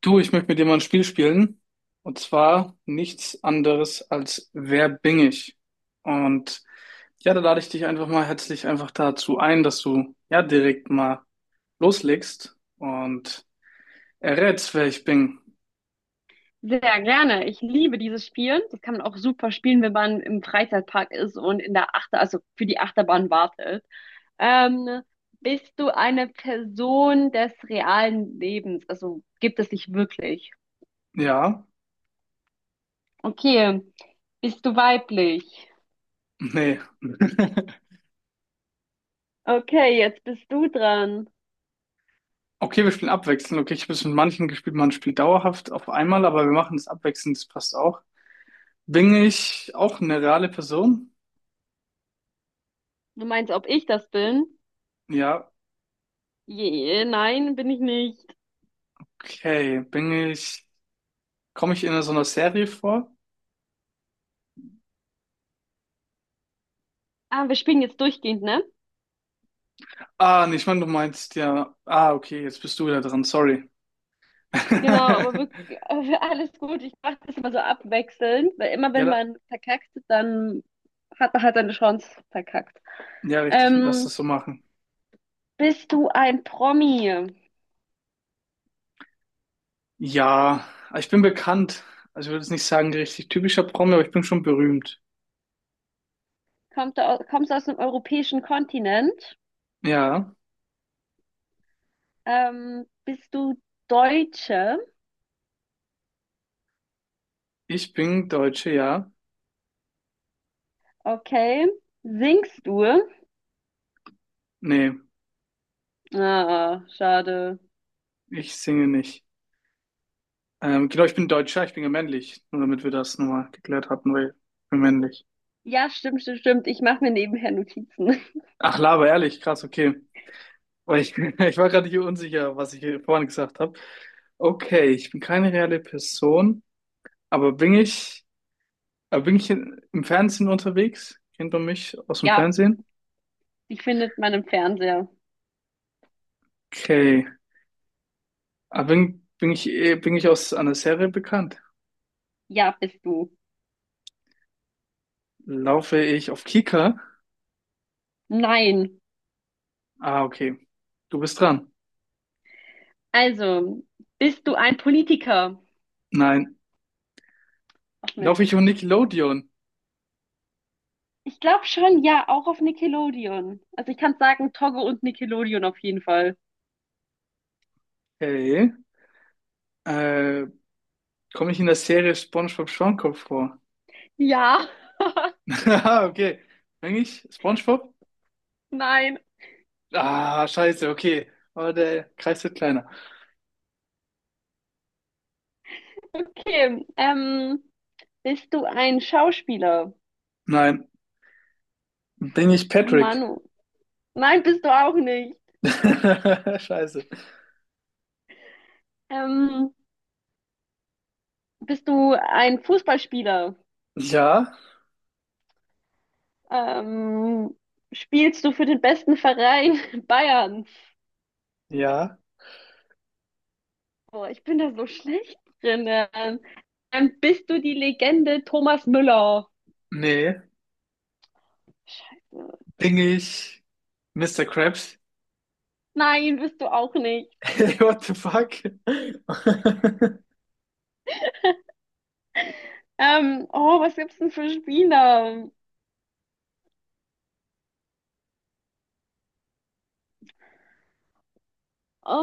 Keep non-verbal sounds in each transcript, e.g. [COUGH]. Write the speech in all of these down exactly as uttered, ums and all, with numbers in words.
Du, ich möchte mit dir mal ein Spiel spielen. Und zwar nichts anderes als Wer bin ich? Und ja, da lade ich dich einfach mal herzlich einfach dazu ein, dass du ja direkt mal loslegst und errätst, wer ich bin. Sehr gerne. Ich liebe dieses Spiel. Das kann man auch super spielen, wenn man im Freizeitpark ist und in der Achter, also für die Achterbahn wartet. Ähm, Bist du eine Person des realen Lebens? Also gibt es dich wirklich? Ja, Okay. Bist du weiblich? nee. [LAUGHS] Okay, jetzt bist du dran. Okay, wir spielen abwechselnd. Okay, ich habe es mit manchen gespielt, man spielt dauerhaft auf einmal, aber wir machen das abwechselnd, das passt auch. Bin ich auch eine reale Person? Du meinst, ob ich das bin? Ja, Je, nein, bin ich nicht. okay. Bin ich, komme ich in so einer Serie vor? Ah, wir spielen jetzt durchgehend, ne? Ah, nee, ich meine, du meinst ja. Ah, okay, jetzt bist du wieder dran, sorry. Genau, aber [LAUGHS] wirklich, [LAUGHS] alles gut. Ich mache das immer so abwechselnd, weil immer Ja, wenn da, man verkackt, dann hat man halt eine Chance verkackt. ja, richtig, lass das Ähm, so machen. Bist du ein Promi? Ja, ich bin bekannt. Also ich würde jetzt nicht sagen, richtig typischer Promi, aber ich bin schon berühmt. Kommt du aus, kommst du aus dem europäischen Kontinent? Ja, Ähm, bist du Deutsche? ich bin Deutsche, ja. Okay. Singst du? Nee, Ah, schade. ich singe nicht. Ähm, genau, ich bin Deutscher, ich bin ja männlich. Nur damit wir das nochmal geklärt hatten, weil ich bin männlich. Ja, stimmt, stimmt, stimmt. Ich mache mir nebenher Notizen. [LAUGHS] Ach, Laber, ehrlich, krass, okay. Weil ich, [LAUGHS] ich war gerade hier unsicher, was ich hier vorhin gesagt habe. Okay, ich bin keine reale Person. Aber bin ich, aber bin ich in, im Fernsehen unterwegs? Kennt man mich aus dem Ja, Fernsehen? die findet man im Fernseher. Okay. Aber bin, bin ich, eh- bin ich aus einer Serie bekannt? Ja, bist du. Laufe ich auf Kika? Nein. Ah, okay. Du bist dran. Also, bist du ein Politiker? Nein. Ach Laufe Mist. ich auf Nickelodeon? Ich glaube schon, ja, auch auf Nickelodeon. Also ich kann sagen, Togo und Nickelodeon auf jeden Fall. Okay. Äh, komme ich in der Serie SpongeBob Schwammkopf vor? Ja. [LAUGHS] [LAUGHS] Ah, okay. Bin ich SpongeBob? Nein. Ah, scheiße, okay. Aber der Kreis wird kleiner. Okay. Ähm, bist du ein Schauspieler? Nein. Bin ich Patrick? Manu. Nein, bist du auch nicht. [LAUGHS] Scheiße. Ähm, bist du ein Fußballspieler? Ja, Ähm, spielst du für den besten Verein [LAUGHS] Bayerns? ja, Boah, ich bin da so schlecht drin. Ähm, Ähm, bist du die Legende Thomas Müller? nee, Scheiße. bin ich Mister Krabs? [LAUGHS] Nein, bist du auch nicht. Hey, what the fuck? [LAUGHS] Ähm, oh, was gibt's denn für Spiele?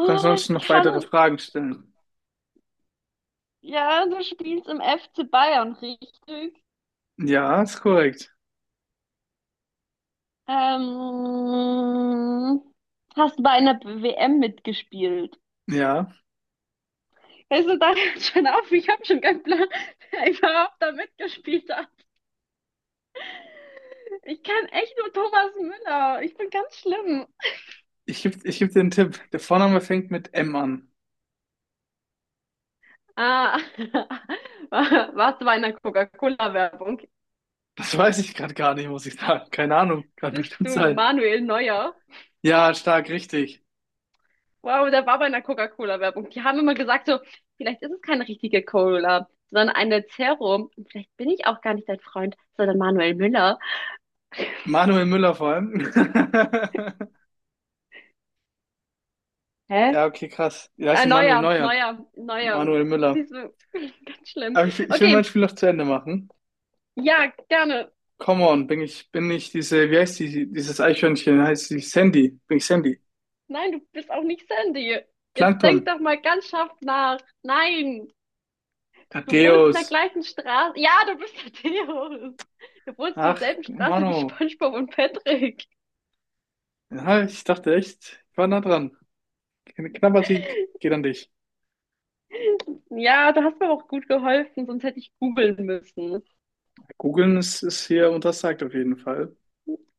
Kannst du uns ich noch kann. weitere Fragen stellen? Ja, du spielst im F C Bayern, richtig? Ja, ist korrekt. Ähm, hast bei einer W M mitgespielt. Ja, Weißt du, da hört schon auf, ich habe schon keinen Plan, [LAUGHS] wer überhaupt da mitgespielt hat. Ich kann echt nur Thomas Müller. Ich bin ganz schlimm. ich gebe ich geb dir einen Tipp. Der Vorname fängt mit M an. Ah, [LAUGHS] warst du bei einer Coca-Cola-Werbung? Das weiß ich gerade gar nicht, muss ich sagen. Keine Ahnung, kann Bist bestimmt du sein. Manuel Neuer? Ja, stark, richtig. Wow, der war bei einer Coca-Cola-Werbung. Die haben immer gesagt, so, vielleicht ist es keine richtige Cola, sondern eine Zero. Und vielleicht bin ich auch gar nicht dein Freund, sondern Manuel Müller. Manuel Müller vor allem. [LAUGHS] Hä? Ja, okay, krass. Ja, ist Äh, ja Manuel neuer, Neuer. neuer, neuer. Manuel Müller. Siehst du, [LAUGHS] ganz schlimm. Aber ich, will- ich will mein Okay, Spiel noch zu Ende machen. ja, gerne. Come on, bin ich, bin ich diese, wie heißt die, dieses Eichhörnchen? Heißt die Sandy? Bin ich Sandy? Nein, du bist auch nicht Sandy. Jetzt denk Plankton. doch mal ganz scharf nach. Nein, du wohnst in der Thaddeus. gleichen Straße. Ja, du bist der Theo. Du wohnst in Ach, derselben Straße wie Mano. SpongeBob und Patrick. Ja, ich dachte echt, ich war nah dran. Kn- Knapper Sieg geht an dich. Ja, du hast mir auch gut geholfen, sonst hätte ich googeln müssen. Googeln ist, ist hier untersagt auf jeden Fall.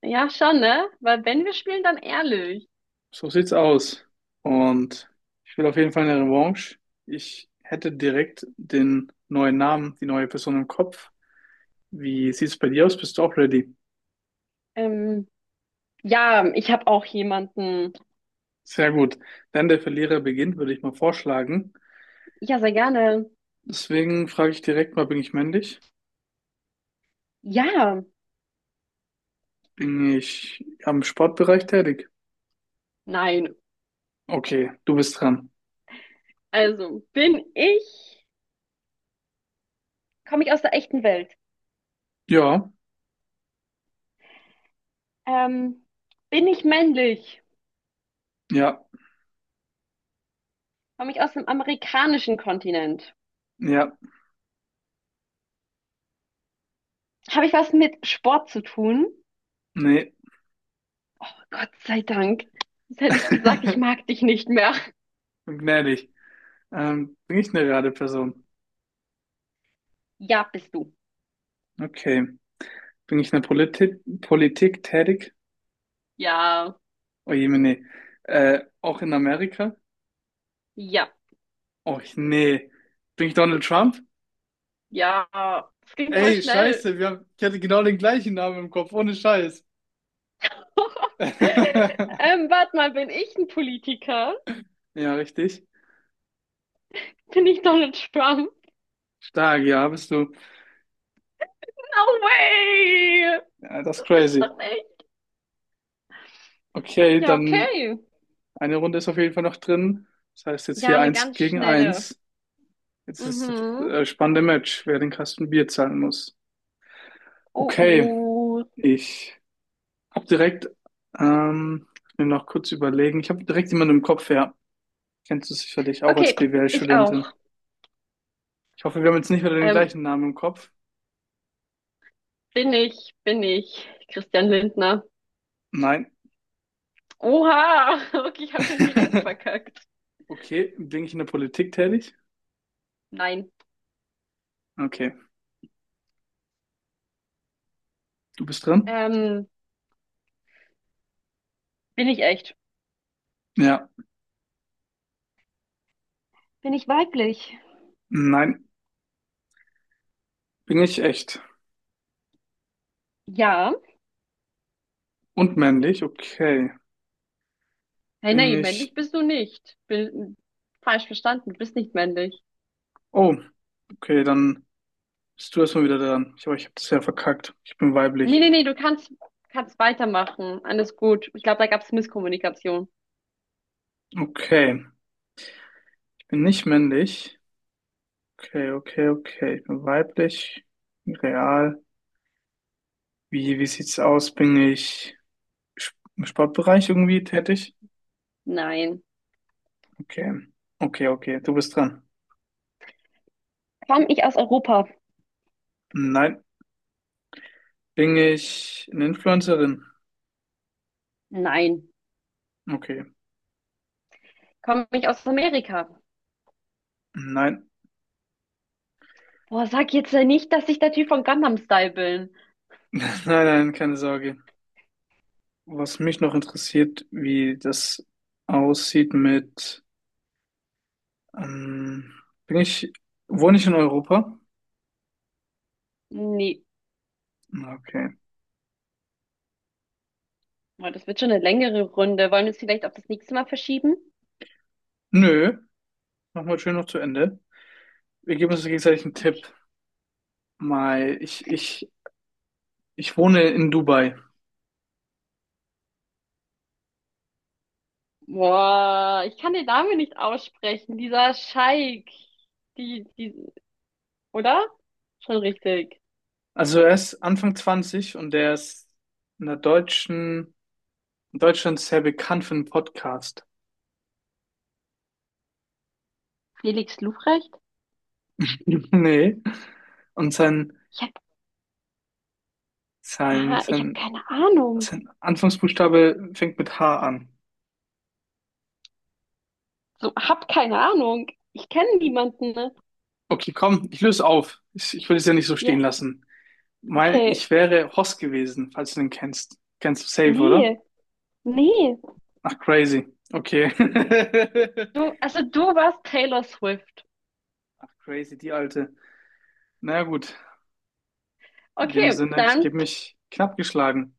Ja, schon, ne? Weil wenn wir spielen, dann ehrlich. So sieht's aus. Und ich will auf jeden Fall eine Revanche. Ich hätte direkt den neuen Namen, die neue Person im Kopf. Wie sieht's bei dir aus? Bist du auch ready? Ähm, ja, ich habe auch jemanden. Sehr gut. Dann der Verlierer beginnt, würde ich mal vorschlagen. Ja, sehr gerne. Deswegen frage ich direkt mal, bin ich männlich? Ja, Bin ich am Sportbereich tätig? nein. Okay, du bist dran. Also, bin ich, komme ich aus der echten Welt? Ja, Ähm, bin ich männlich? ja, Komme ich aus dem amerikanischen Kontinent? ja, Habe ich was mit Sport zu tun? nee. Oh, Gott sei Dank. Sonst hätte ich gesagt, ich [LAUGHS] mag dich nicht mehr. Bin gnädig. Ähm, bin ich eine Rateperson? Ja, bist du. Okay. Bin ich in der Politik, Politik tätig? Ja, Oh je, nee. Äh, auch in Amerika? ja. Oh nee. Bin ich Donald Trump? Ja, es ging voll Ey, schnell. scheiße, wir haben, ich hatte genau den gleichen Namen im Kopf, ohne Scheiß. [LAUGHS] [LAUGHS] Ähm, warte mal, bin ich ein Politiker? Ja, richtig. Bin ich Donald Trump? Stark, ja, bist du. No way! Ja, das ist Das gibt's crazy. doch nicht. Okay, Ja, dann okay. eine Runde ist auf jeden Fall noch drin. Das heißt jetzt Ja, hier eine eins ganz gegen schnelle. eins. Jetzt ist das Mhm. äh, spannende Match, wer den Kasten Bier zahlen muss. Oh, Okay, oh. ich hab direkt, ähm, ich will noch kurz überlegen. Ich habe direkt jemanden im Kopf, ja. Kennst du sicherlich auch als Okay, ich B W L-Studentin. auch. Ich hoffe, wir haben jetzt nicht wieder den Ähm, gleichen Namen im Kopf. bin ich, bin ich Christian Lindner. Nein. Oha! [LAUGHS] Okay, ich habe schon direkt [LAUGHS] verkackt. Okay, bin ich in der Politik tätig? Nein. Okay, du bist dran? Ähm, bin ich echt? Ja. Bin ich weiblich? Nein, bin ich echt. Ja. Und männlich? Okay. Hey, Bin nein männlich ich bist du nicht. Bin falsch verstanden, du bist nicht männlich. Oh, okay, dann bist du erstmal wieder dran. Ich, aber ich habe das ja verkackt. Ich bin Nee, weiblich. nee, nee, du kannst, kannst weitermachen. Alles gut. Ich glaube, da gab es Misskommunikation. Okay, ich bin nicht männlich. Okay, okay, okay. Ich bin weiblich. Real. Wie, wie sieht's aus? Bin ich Sp- im Sportbereich irgendwie tätig? Nein. Okay. Okay, okay. Du bist dran. Komme ich aus Europa? Nein. Bin ich eine Influencerin? Nein. Okay. Komme ich aus Amerika? Nein. Boah, sag jetzt ja nicht, dass ich der Typ von Gangnam Style bin. [LAUGHS] Nein, nein, keine Sorge. Was mich noch interessiert, wie das aussieht mit Ähm, bin ich, wohne ich in Europa? Nee. Okay. Boah, das wird schon eine längere Runde. Wollen wir es vielleicht auf das nächste Mal verschieben? Nö, machen wir schön noch zu Ende. Wir geben uns gegenseitig einen Okay. Tipp. Mal, ich, ich, ich wohne in Dubai. Boah, ich kann den Namen nicht aussprechen. Dieser Scheik. Die, die, oder? Schon richtig. Also er ist Anfang zwanzig und er ist in der deutschen, in Deutschland sehr bekannt für einen Podcast. Felix Lufrecht? [LAUGHS] Nee. Und sein, Ich hab, sein, ah, ich hab sein, keine Ahnung. sein Anfangsbuchstabe fängt mit H an. So, hab keine Ahnung. Ich kenne niemanden, ne? Okay, komm, ich löse auf. Ich, ich will es ja nicht so stehen Ja, lassen. Mein, okay. ich wäre Hoss gewesen, falls du den kennst. Kennst du safe, oder? Nee, nee. Ach, crazy. Okay. [LAUGHS] Du, also du warst Taylor Swift. Ach, crazy, die alte. Na ja, gut, in dem Okay, Sinne, ich dann gebe mich knapp geschlagen.